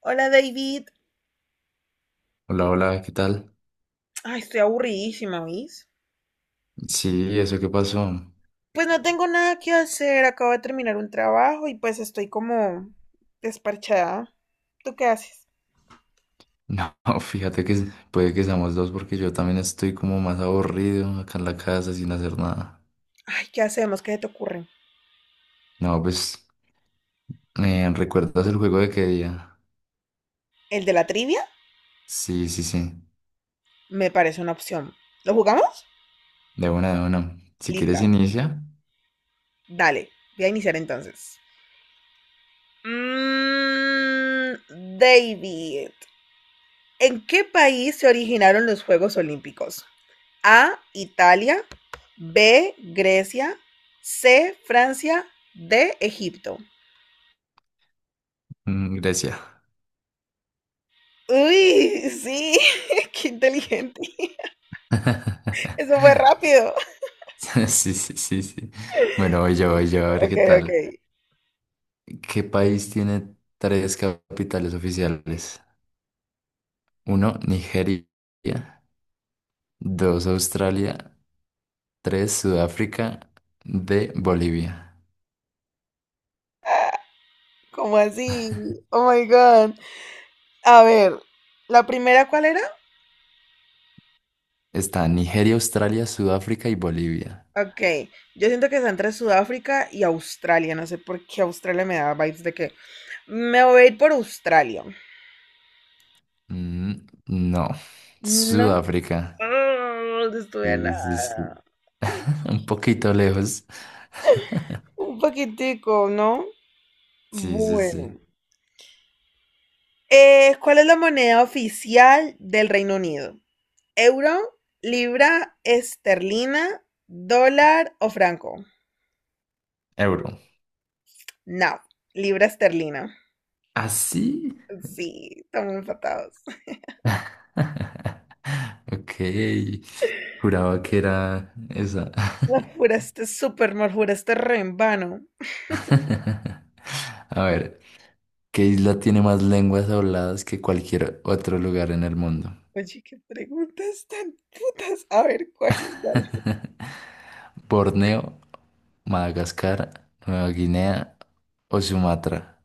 Hola David. Hola, hola, ¿qué tal? Ay, estoy aburridísima, ¿oís? Sí, ¿eso qué pasó? Pues no tengo nada que hacer, acabo de terminar un trabajo y pues estoy como desparchada. ¿Tú qué haces? No, fíjate que puede que seamos dos porque yo también estoy como más aburrido acá en la casa sin hacer nada. Ay, ¿qué hacemos? ¿Qué se te ocurre? No, pues, ¿recuerdas el juego de qué día? ¿El de la trivia? Sí, sí, sí, Me parece una opción. ¿Lo jugamos? de una, de una. Si quieres Lista. inicia. Dale. Voy a iniciar entonces. David, ¿en qué país se originaron los Juegos Olímpicos? A, Italia, B, Grecia, C, Francia, D, Egipto. Mm, gracias. Uy, sí, qué inteligente. Eso fue rápido. Sí, sí, sí, sí. Bueno, voy yo, a ver Ok, qué ok. tal. ¿Qué país tiene tres capitales oficiales? Uno, Nigeria. Dos, Australia. Tres, Sudáfrica, de Bolivia. ¿Cómo así? Oh my God. A ver, ¿la primera cuál era? Está Nigeria, Australia, Sudáfrica y Bolivia. Ok, yo siento que está entre Sudáfrica y Australia. No sé por qué Australia me da vibes de que me voy a ir por Australia. Mm, no, No. Sudáfrica. Ah, no estudia Sí, sí, nada. sí. Un poquito lejos. Un paquetico, ¿no? Sí, sí, Bueno. sí. ¿Cuál es la moneda oficial del Reino Unido? ¿Euro, libra esterlina, dólar o franco? Euro. No, libra esterlina. ¿Así? Sí, estamos empatados. Ok. Juraba que era esa. La juraste súper mal, juraste re en vano. A ver, ¿qué isla tiene más lenguas habladas que cualquier otro lugar en el mundo? Oye, qué preguntas tan putas. A ver, ¿cuál es la ¿Borneo, Madagascar, Nueva Guinea o Sumatra?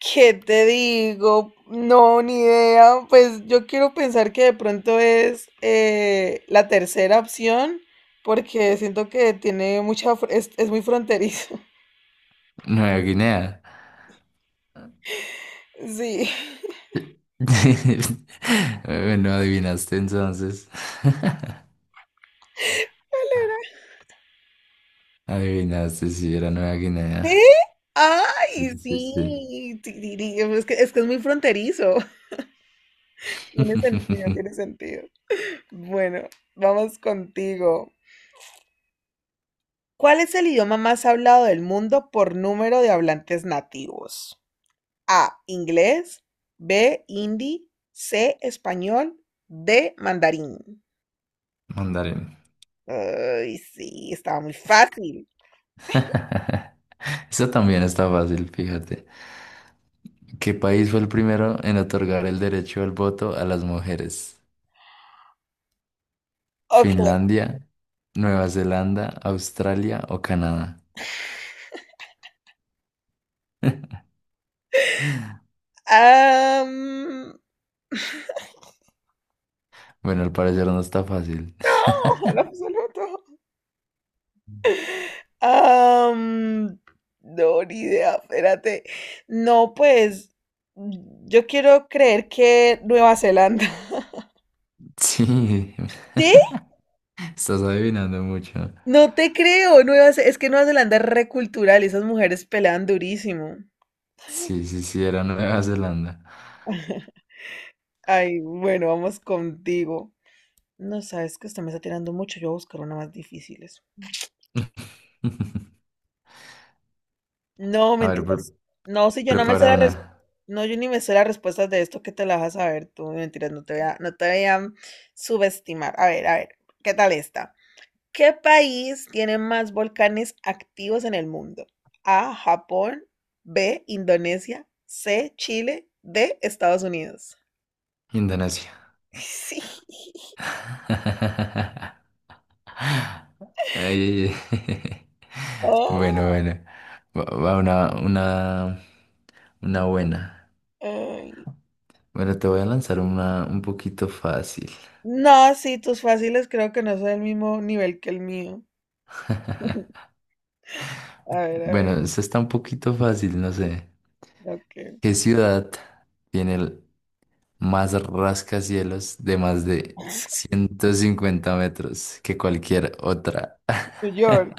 ¿qué te digo? No, ni idea. Pues yo quiero pensar que de pronto es la tercera opción, porque siento que tiene mucha, es muy fronterizo. Nueva Guinea. Sí. Bueno, adivinaste entonces. Adivinaste, si era Nueva ¿Eh? Guinea. Sí, ¡Ay, sí, sí. sí! Es que es muy fronterizo. Tiene sentido, tiene sentido. Bueno, vamos contigo. ¿Cuál es el idioma más hablado del mundo por número de hablantes nativos? A, inglés, B, hindi, C, español, D, mandarín. Mandarín. Ay, sí, estaba muy fácil. Eso también está fácil, fíjate. ¿Qué país fue el primero en otorgar el derecho al voto a las mujeres? Ok, ¿Finlandia, Nueva Zelanda, Australia o Canadá? am, Bueno, al parecer no está fácil. oh, ojalá absoluto. Am, no, ni idea, espérate. No, pues yo quiero creer que Nueva Zelanda. Sí, ¿Sí? estás adivinando mucho. No te creo, es que Nueva Zelanda es recultural y esas mujeres pelean durísimo. Sí, sí, sí, era Nueva Zelanda. Ay, bueno, vamos contigo. No, sabes que usted me está tirando mucho, yo voy a buscar una más difíciles. No, A ver, mentiras. No, si yo no me sé prepara la una. res- no, yo ni me sé las respuestas de esto que te las vas a saber tú, mentiras, no te voy a subestimar. A ver, ¿qué tal esta? ¿Qué país tiene más volcanes activos en el mundo? A, Japón, B, Indonesia, C, Chile, D, Estados Unidos. Indonesia. Sí. Ay, bueno, Oh, bueno. Va, va una buena. ay. Bueno, te voy a lanzar una un poquito fácil. No, sí, tus fáciles creo que no son del mismo nivel que el mío. A ver, a Bueno, ver. esta está un poquito fácil, no sé. Ok. ¿Qué ciudad tiene el más rascacielos de más de 150 metros que cualquier otra? New York.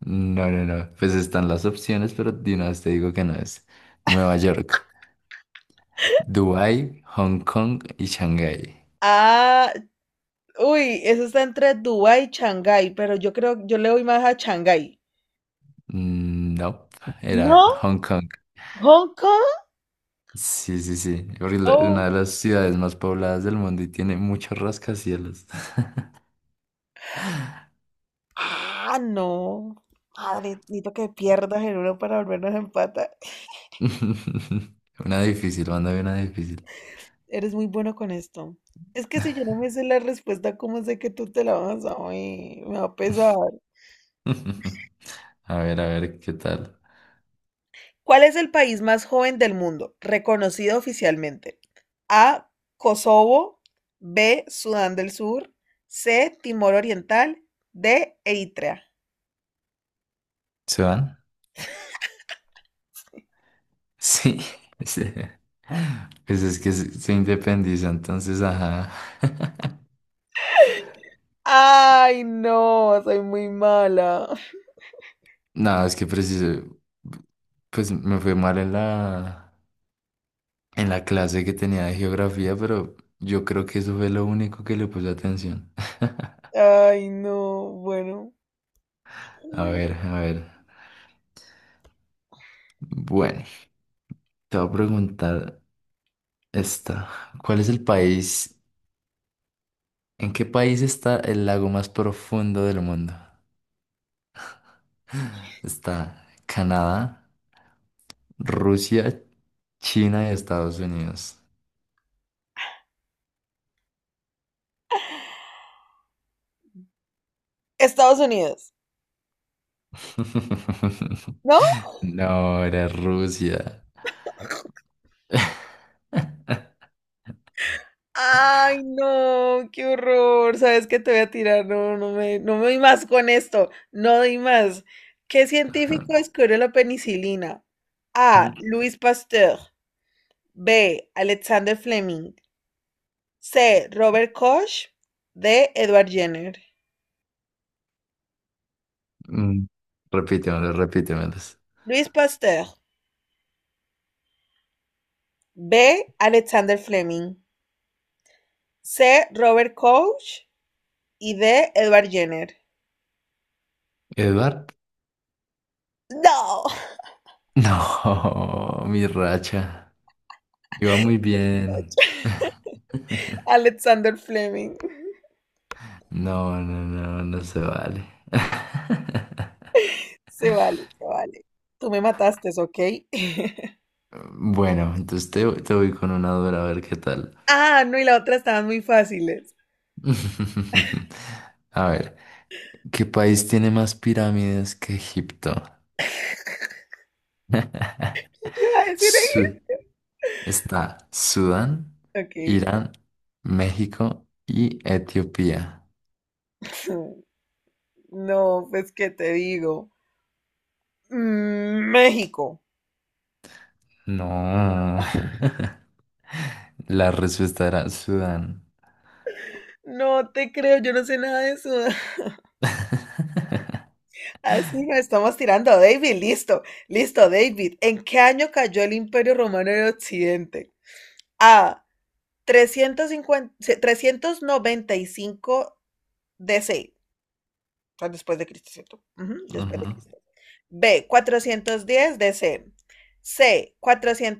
No, no, no. Pues están las opciones, pero de una vez te digo que no es. Nueva York, Dubái, Hong Kong y Shanghái. Ah, uy, eso está entre Dubái y Shanghái, pero yo creo, yo le voy más a Shanghái. Mm, no, era ¿No? Hong Kong. ¿Hong Kong? Sí, sí, sí. Porque una Oh. de las ciudades más pobladas del mundo y tiene muchos rascacielos. Ah, no. Madre, necesito que pierdas en uno para volvernos a empatar. Una difícil, mándame una difícil. Eres muy bueno con esto. Es que si yo no me sé la respuesta, ¿cómo sé que tú te la vas a oír? Me va a pesar. A ver, ¿qué tal? ¿Cuál es el país más joven del mundo, reconocido oficialmente? A. Kosovo. B. Sudán del Sur. C. Timor Oriental. D. Eritrea. ¿Se van? Sí. Sí. Pues es que se independiza, entonces, ajá. Ay, no, soy muy mala. Nada, es que preciso, pues me fue mal en en la clase que tenía de geografía, pero yo creo que eso fue lo único que le puse atención. Ay, no, bueno. A ver, a ver. Bueno, te voy a preguntar esta. ¿Cuál es el país? ¿En qué país está el lago más profundo del mundo? Está Canadá, Rusia, China y Estados Unidos. Estados Unidos. No, No, era Rusia. ay, no, qué horror. ¿Sabes qué te voy a tirar? No, no me doy más con esto. No doy más. ¿Qué Ajá. científico descubrió la penicilina? A. Mm, Louis Pasteur. B. Alexander Fleming. C. Robert Koch. D. Edward Jenner. mm, repítemelos, repítemelos. Louis Pasteur. B. Alexander Fleming. C. Robert Koch. Y D. Edward Jenner. ¿Edward? No. No, mi racha. Iba muy bien. Alexander Fleming. No, no, no, no se vale. Se vale, se vale. Tú me mataste, ¿ok? Bueno, entonces te voy con una dura, a ver qué tal. Ah, no, y la otra estaban muy fáciles. A ver, ¿qué país tiene más pirámides que Egipto? ¿Qué te iba a decir? Su- está Sudán, ¿Ahí? Ok. Irán, México y Etiopía. No, pues, ¿qué te digo? México. No. La respuesta era Sudán. No te creo, yo no sé nada de eso. Así nos estamos tirando, David. Listo, listo, David. ¿En qué año cayó el Imperio Romano en Occidente? A. 350, 395 DC. O sea, después de Cristo, ¿cierto? Ujú, después de Ujú. Cristo. B, 410 DC. C,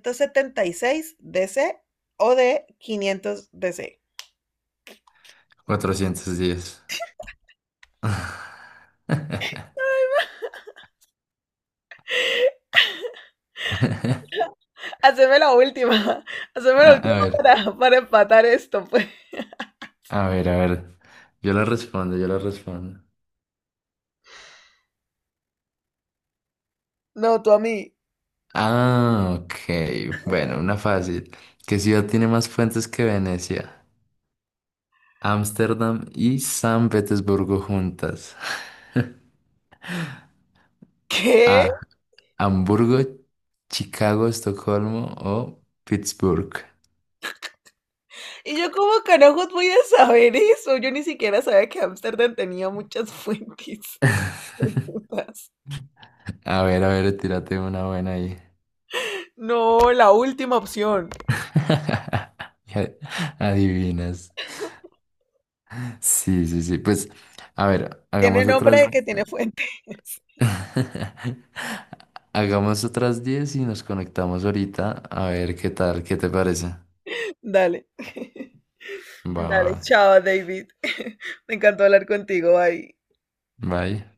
476 DC o D, 500 DC. 410. A Haceme la última. Haceme la a última ver, para empatar esto, pues. a ver, a ver. Yo la respondo, yo la respondo. No, tú a mí. Ah, ok. Bueno, una fácil. ¿Qué ciudad tiene más fuentes que Venecia? Ámsterdam y San Petersburgo juntas. ¿Qué? A. Hamburgo, Chicago, Estocolmo o Pittsburgh. Y yo como carajos voy a saber eso. Yo ni siquiera sabía que Ámsterdam tenía muchas fuentes. Putas. A ver, tírate una buena ahí. No, la última opción. Y adivinas. Sí, sí, sí. Pues, a ver, Tiene hagamos nombre otras. de que tiene fuentes. Hagamos otras 10 y nos conectamos ahorita. A ver qué tal, qué te parece. Dale. Va, va, Dale, chao, David. Me encantó hablar contigo. Bye. va. Bye.